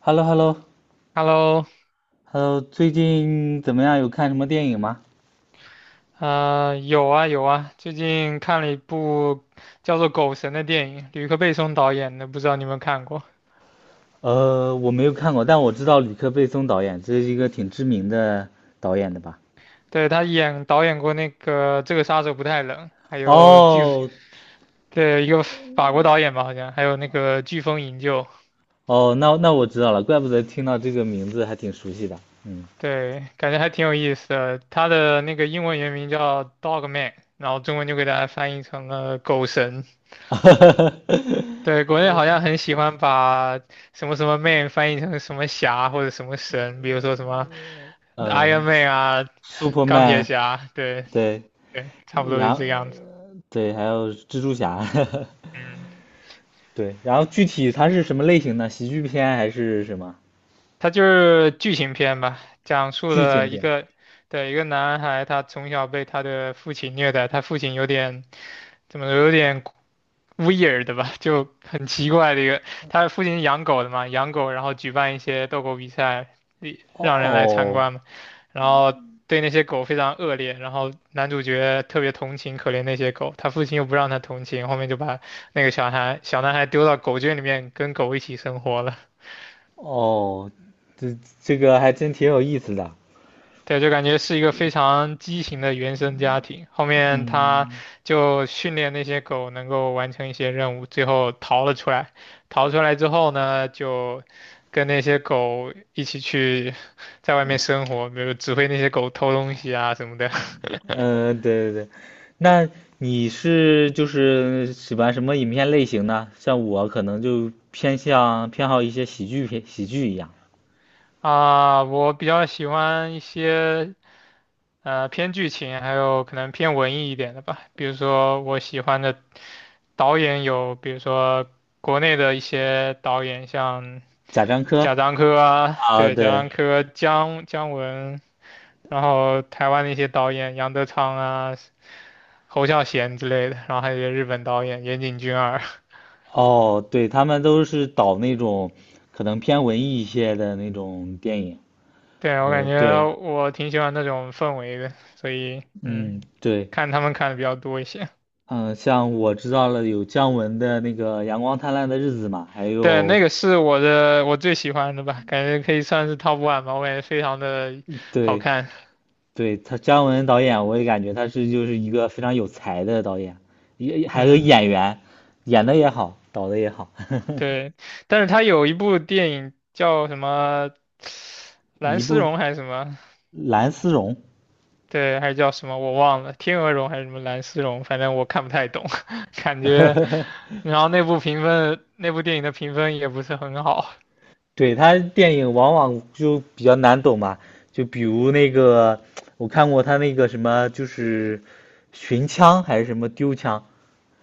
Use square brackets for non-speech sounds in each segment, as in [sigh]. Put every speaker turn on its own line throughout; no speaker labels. h e l l o h e l l o h
Hello,
e l l o 最近怎么样？有看什么电影吗？
有啊有啊，最近看了一部叫做《狗神》的电影，吕克·贝松导演的，不知道你有没有看过？
我没有看过，但我知道吕克·贝松导演，这是一个挺知名的导演的吧？
对，他导演过那个《这个杀手不太冷》，还有飓，
哦，
对，一个法国导演吧，好像，还有那个《飓风营救》，
哦，那我知道了，怪不得听到这个名字还挺熟悉的。嗯。
对，感觉还挺有意思的。他的那个英文原名叫《Dog Man》,然后中文就给大家翻译成了《狗神》。对，
[laughs]
国内好像很喜欢把什么什么 man 翻译成什么侠或者什么神，比如说什么
呃
Iron Man 啊、钢铁
，Superman,
侠，对
对，
对，差不多
然
是
后
这个样子。
对，还有蜘蛛侠。
嗯，
[laughs] 对，然后具体它是什么类型的？喜剧片还是什么？
它就是剧情片吧，讲述
剧情
了一
片？
个对一个男孩，他从小被他的父亲虐待，他父亲有点怎么说有点。weird 的吧，就很奇怪的一个。他父亲养狗的嘛，养狗，然后举办一些斗狗比赛，一
哦
让人来参
哦，
观嘛。然后对那些狗非常恶劣，然后男主角特别同情可怜那些狗，他父亲又不让他同情，后面就把那个小男孩丢到狗圈里面跟狗一起生活了。
哦，这这个还真挺有意思的。
对，就感觉是一个非常畸形的原生家庭。后面他
嗯。
就训练那些狗能够完成一些任务，最后逃了出来。逃出来之后呢，就跟那些狗一起去在外面生活，比如指挥那些狗偷东西啊什么的。
对对对，那你是就是喜欢什么影片类型呢？像我可能就偏好一些喜剧片，喜剧一样，
[laughs] 啊，我比较喜欢一些偏剧情，还有可能偏文艺一点的吧。比如说我喜欢的导演有，比如说国内的一些导演，像。
贾樟柯
贾樟柯啊，
啊，
对，贾
对，
樟柯、姜文，然后台湾的一些导演，杨德昌啊、侯孝贤之类的，然后还有一些日本导演，岩井俊二。
哦，对，他们都是导那种可能偏文艺一些的那种电影。
[laughs] 对，我感觉
对，
我挺喜欢那种氛围的，所以嗯，
嗯，对，
看他们看的比较多一些。
嗯，像我知道了有姜文的那个《阳光灿烂的日子》嘛，还
[laughs] 对，
有
那个是我最喜欢的吧，感觉可以算是 top one 吧，我感觉非常的好
对，
看。
对，他姜文导演，我也感觉他是就是一个非常有才的导演，也还有
嗯，
演员，演的也好，导的也好，
对，但是他有一部电影叫什么《蓝
一
丝
部
绒》还是什么？
蓝丝绒。
对，还是叫什么我忘了，天鹅绒还是什么蓝丝绒，反正我看不太懂，[laughs] 感觉，
[laughs]
然后那部评分，那部电影的评分也不是很好
对，他电影往往就比较难懂嘛，就比如那个我看过他那个什么，就是寻枪还是什么丢枪，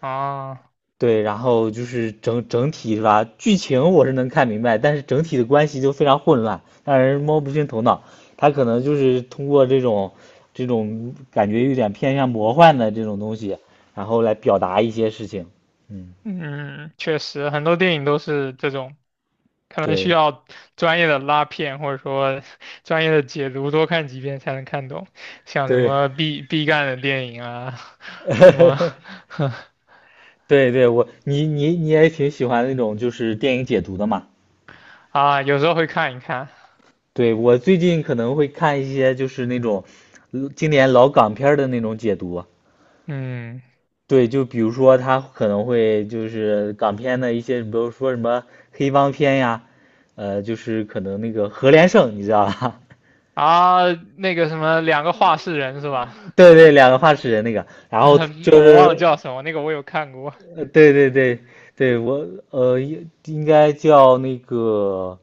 啊。
对，然后就是整整体是吧？剧情我是能看明白，但是整体的关系就非常混乱，让人摸不清头脑。他可能就是通过这种感觉有点偏向魔幻的这种东西，然后来表达一些事情。嗯，
嗯，确实，很多电影都是这种，可能需
对
要专业的拉片或者说 [laughs] 专业的解读，多看几遍才能看懂。像什
对。
么毕赣的电影啊，什么
[laughs] 对对,我你也挺喜欢那种就是电影解读的嘛？
[laughs] 啊，有时候会看一看。
对，我最近可能会看一些就是那种经典老港片儿的那种解读，
嗯，
对，就比如说他可能会就是港片的一些，比如说什么黑帮片呀，就是可能那个何连胜，你知道吧？
啊，那个什么，两个画室人是吧？
[laughs] 对对，两个发齿人那个，
[laughs]
然后
啊，
就
我忘了
是
叫什么，那个我有看过。
对对对对，我呃应应该叫那个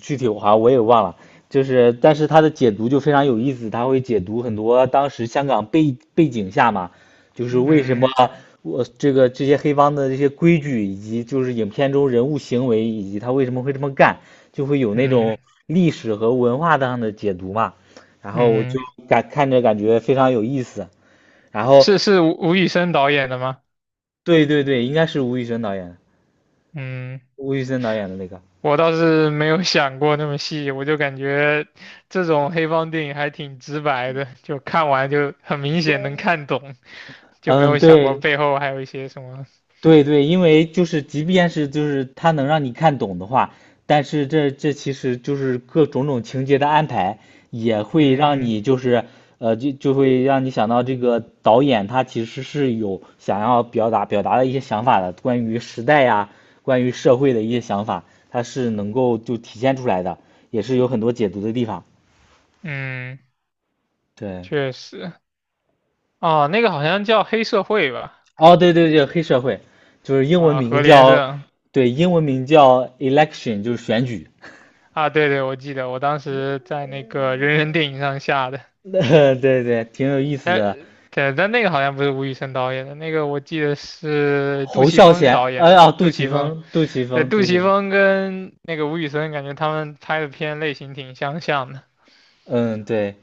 具体我好像我也忘了，就是但是他的解读就非常有意思，他会解读很多当时香港背景下嘛，就是为什么
嗯
我这个这些黑帮的这些规矩，以及就是影片中人物行为，以及他为什么会这么干，就会有那
嗯
种历史和文化上的解读嘛。然后我就
嗯，
感看着感觉非常有意思。然后
是是吴宇森导演的吗？
对对对，应该是吴宇森导演，
嗯，
吴宇森导演的那个。
我倒是没有想过那么细，我就感觉这种黑帮电影还挺直白的，就看完就很明显能看懂，就没
嗯，
有想过
对，
背后还有一些什么。
对对，因为就是即便是就是它能让你看懂的话，但是这其实就是各种情节的安排，也会让
嗯
你就是就会让你想到这个导演他其实是有想要表达的一些想法的，关于时代呀，关于社会的一些想法，它是能够就体现出来的，也是有很多解读的地方。
嗯，
对，
确实。哦，那个好像叫黑社会吧？
哦对对对，黑社会就是英文
啊，何
名
连
叫，
胜。
对，英文名叫 election,就是选举。
啊，对对，我记得，我当时在那个人人电影上下的。
[laughs] 对对，挺有意思
哎，
的。
对，但那个好像不是吴宇森导演的，那个我记得是杜
侯
琪
孝
峰
贤，
导演
哎
的。
呀，杜
杜
琪
琪峰，
峰，杜琪
对，
峰，
杜
杜琪
琪
峰。
峰跟那个吴宇森，感觉他们拍的片类型挺相像的。
嗯，对，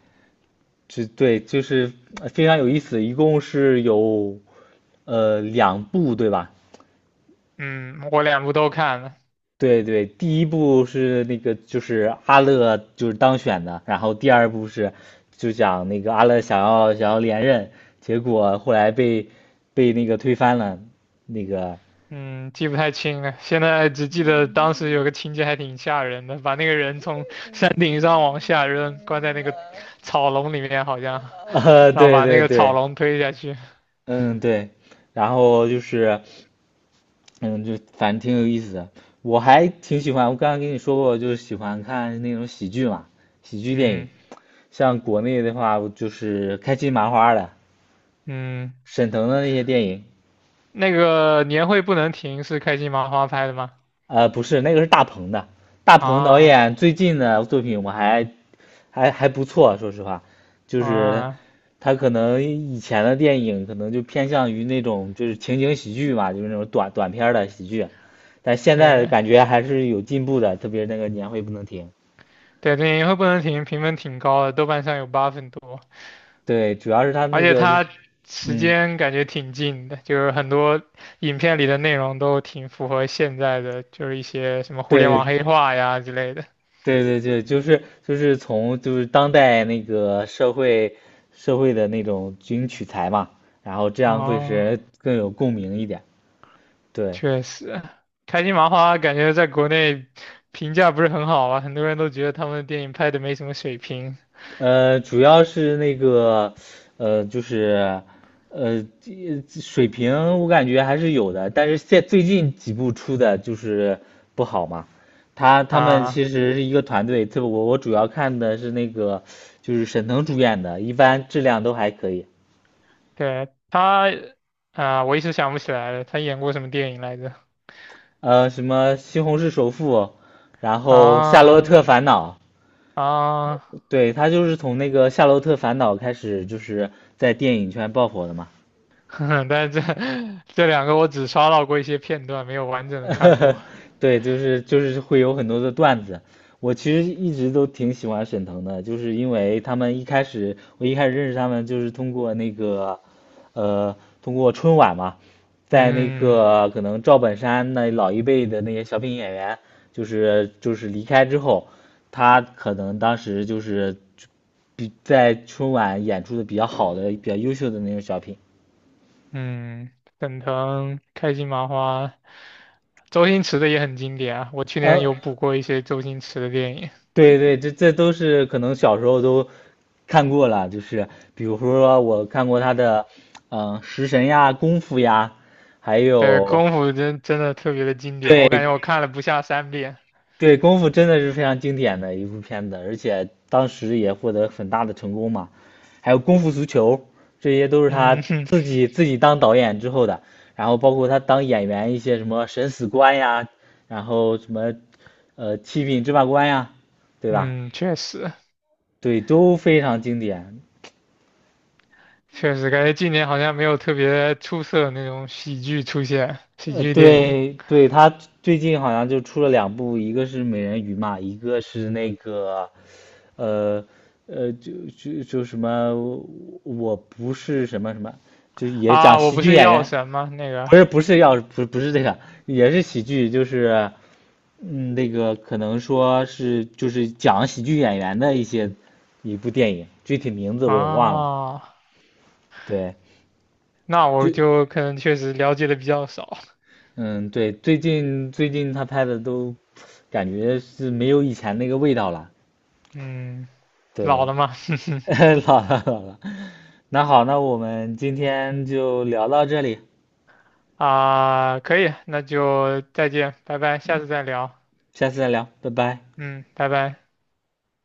就对，就是非常有意思。一共是有两部，对吧？
嗯，我两部都看了，
对对，第一部是那个就是阿乐就是当选的，然后第二部是就讲那个阿乐想要连任，结果后来被被那个推翻了，那个。
嗯，记不太清了，现在只记得当时有个情节还挺吓人的，把那个人从山顶上往下扔，关在那个草笼里面好像，
[laughs]
然后
对
把那
对
个草
对，
笼推下去。
嗯对，然后就是。嗯，就反正挺有意思的。我还挺喜欢，我刚刚跟你说过，就是喜欢看那种喜剧嘛，喜剧电影。
嗯
像国内的话，就是开心麻花的、
嗯，
沈腾的那些电影。
那个年会不能停是开心麻花拍的吗？
不是，那个是大鹏的。大鹏导
啊。
演最近的作品我还不错，说实话，就是
啊，
他可能以前的电影可能就偏向于那种就是情景喜剧嘛，就是那种短片儿的喜剧，但现在
对
感觉还是有进步的，特别那个年会不能停。
对对，电影会不能停，评分挺高的，豆瓣上有八分多，
对，主要是他
而
那
且
个，
它时
嗯，
间感觉挺近的，就是很多影片里的内容都挺符合现在的，就是一些什么互联网
对，
黑化呀之类的。
对对对，就是就是从就是当代那个社会的那种军取材嘛，然后这样会使
哦，
人更有共鸣一点。对，
确实，开心麻花感觉在国内评价不是很好啊，很多人都觉得他们的电影拍的没什么水平
主要是那个，就是，这水平我感觉还是有的，但是现最近几部出的就是不好嘛。他们
啊。
其实是一个团队，这我主要看的是那个，就是沈腾主演的，一般质量都还可以。
对他，啊，我一时想不起来了，他演过什么电影来着？
什么《西红柿首富》，然后《夏洛
啊
特烦恼》，
啊。
对，他就是从那个《夏洛特烦恼》开始，就是在电影圈爆火的嘛。
[laughs] 但是这两个我只刷到过一些片段，没有完整的看过。
[laughs] 对，就是就是会有很多的段子。我其实一直都挺喜欢沈腾的，就是因为他们一开始我一开始认识他们就是通过那个，呃，通过春晚嘛，在那
嗯
个可能赵本山那老一辈的那些小品演员，就是就是离开之后，他可能当时就是比在春晚演出的比较好的、比较优秀的那种小品。
嗯，沈腾、开心麻花、周星驰的也很经典啊。我去年
呃，
有补过一些周星驰的电影，
对对，这这都是可能小时候都看过了，就是比如说我看过他的，嗯、食神呀、功夫呀，还
对，
有
功夫真真的特别的经典，我感
对
觉我看了不下三遍。
对，功夫真的是非常经典的一部片子，而且当时也获得很大的成功嘛。还有功夫足球，这些都是他
嗯哼，
自己当导演之后的，然后包括他当演员一些什么审死官呀，然后什么七品芝麻官呀，对吧？
嗯，确实
对，都非常经典。
确实，感觉今年好像没有特别出色的那种喜剧出现，喜剧电影
对对，他最近好像就出了两部，一个是美人鱼嘛，一个是那个呃呃，就就就什么我不是什么什么，就也
啊，
讲
我
喜
不
剧
是
演
药
员，
神吗？那个
不是不是要不不是这个，也是喜剧，就是嗯那个可能说是就是讲喜剧演员的一些一部电影，具体名字我也忘了，
啊。
对。
那
就。
我就可能确实了解的比较少，
嗯，对，最近他拍的都感觉是没有以前那个味道了。
嗯，老
对。
了嘛，
[laughs] 老了老了。那好，那我们今天就聊到这里，
[laughs] 啊，可以，那就再见，拜拜，下次再聊，
下次再聊，拜拜。
嗯，拜拜。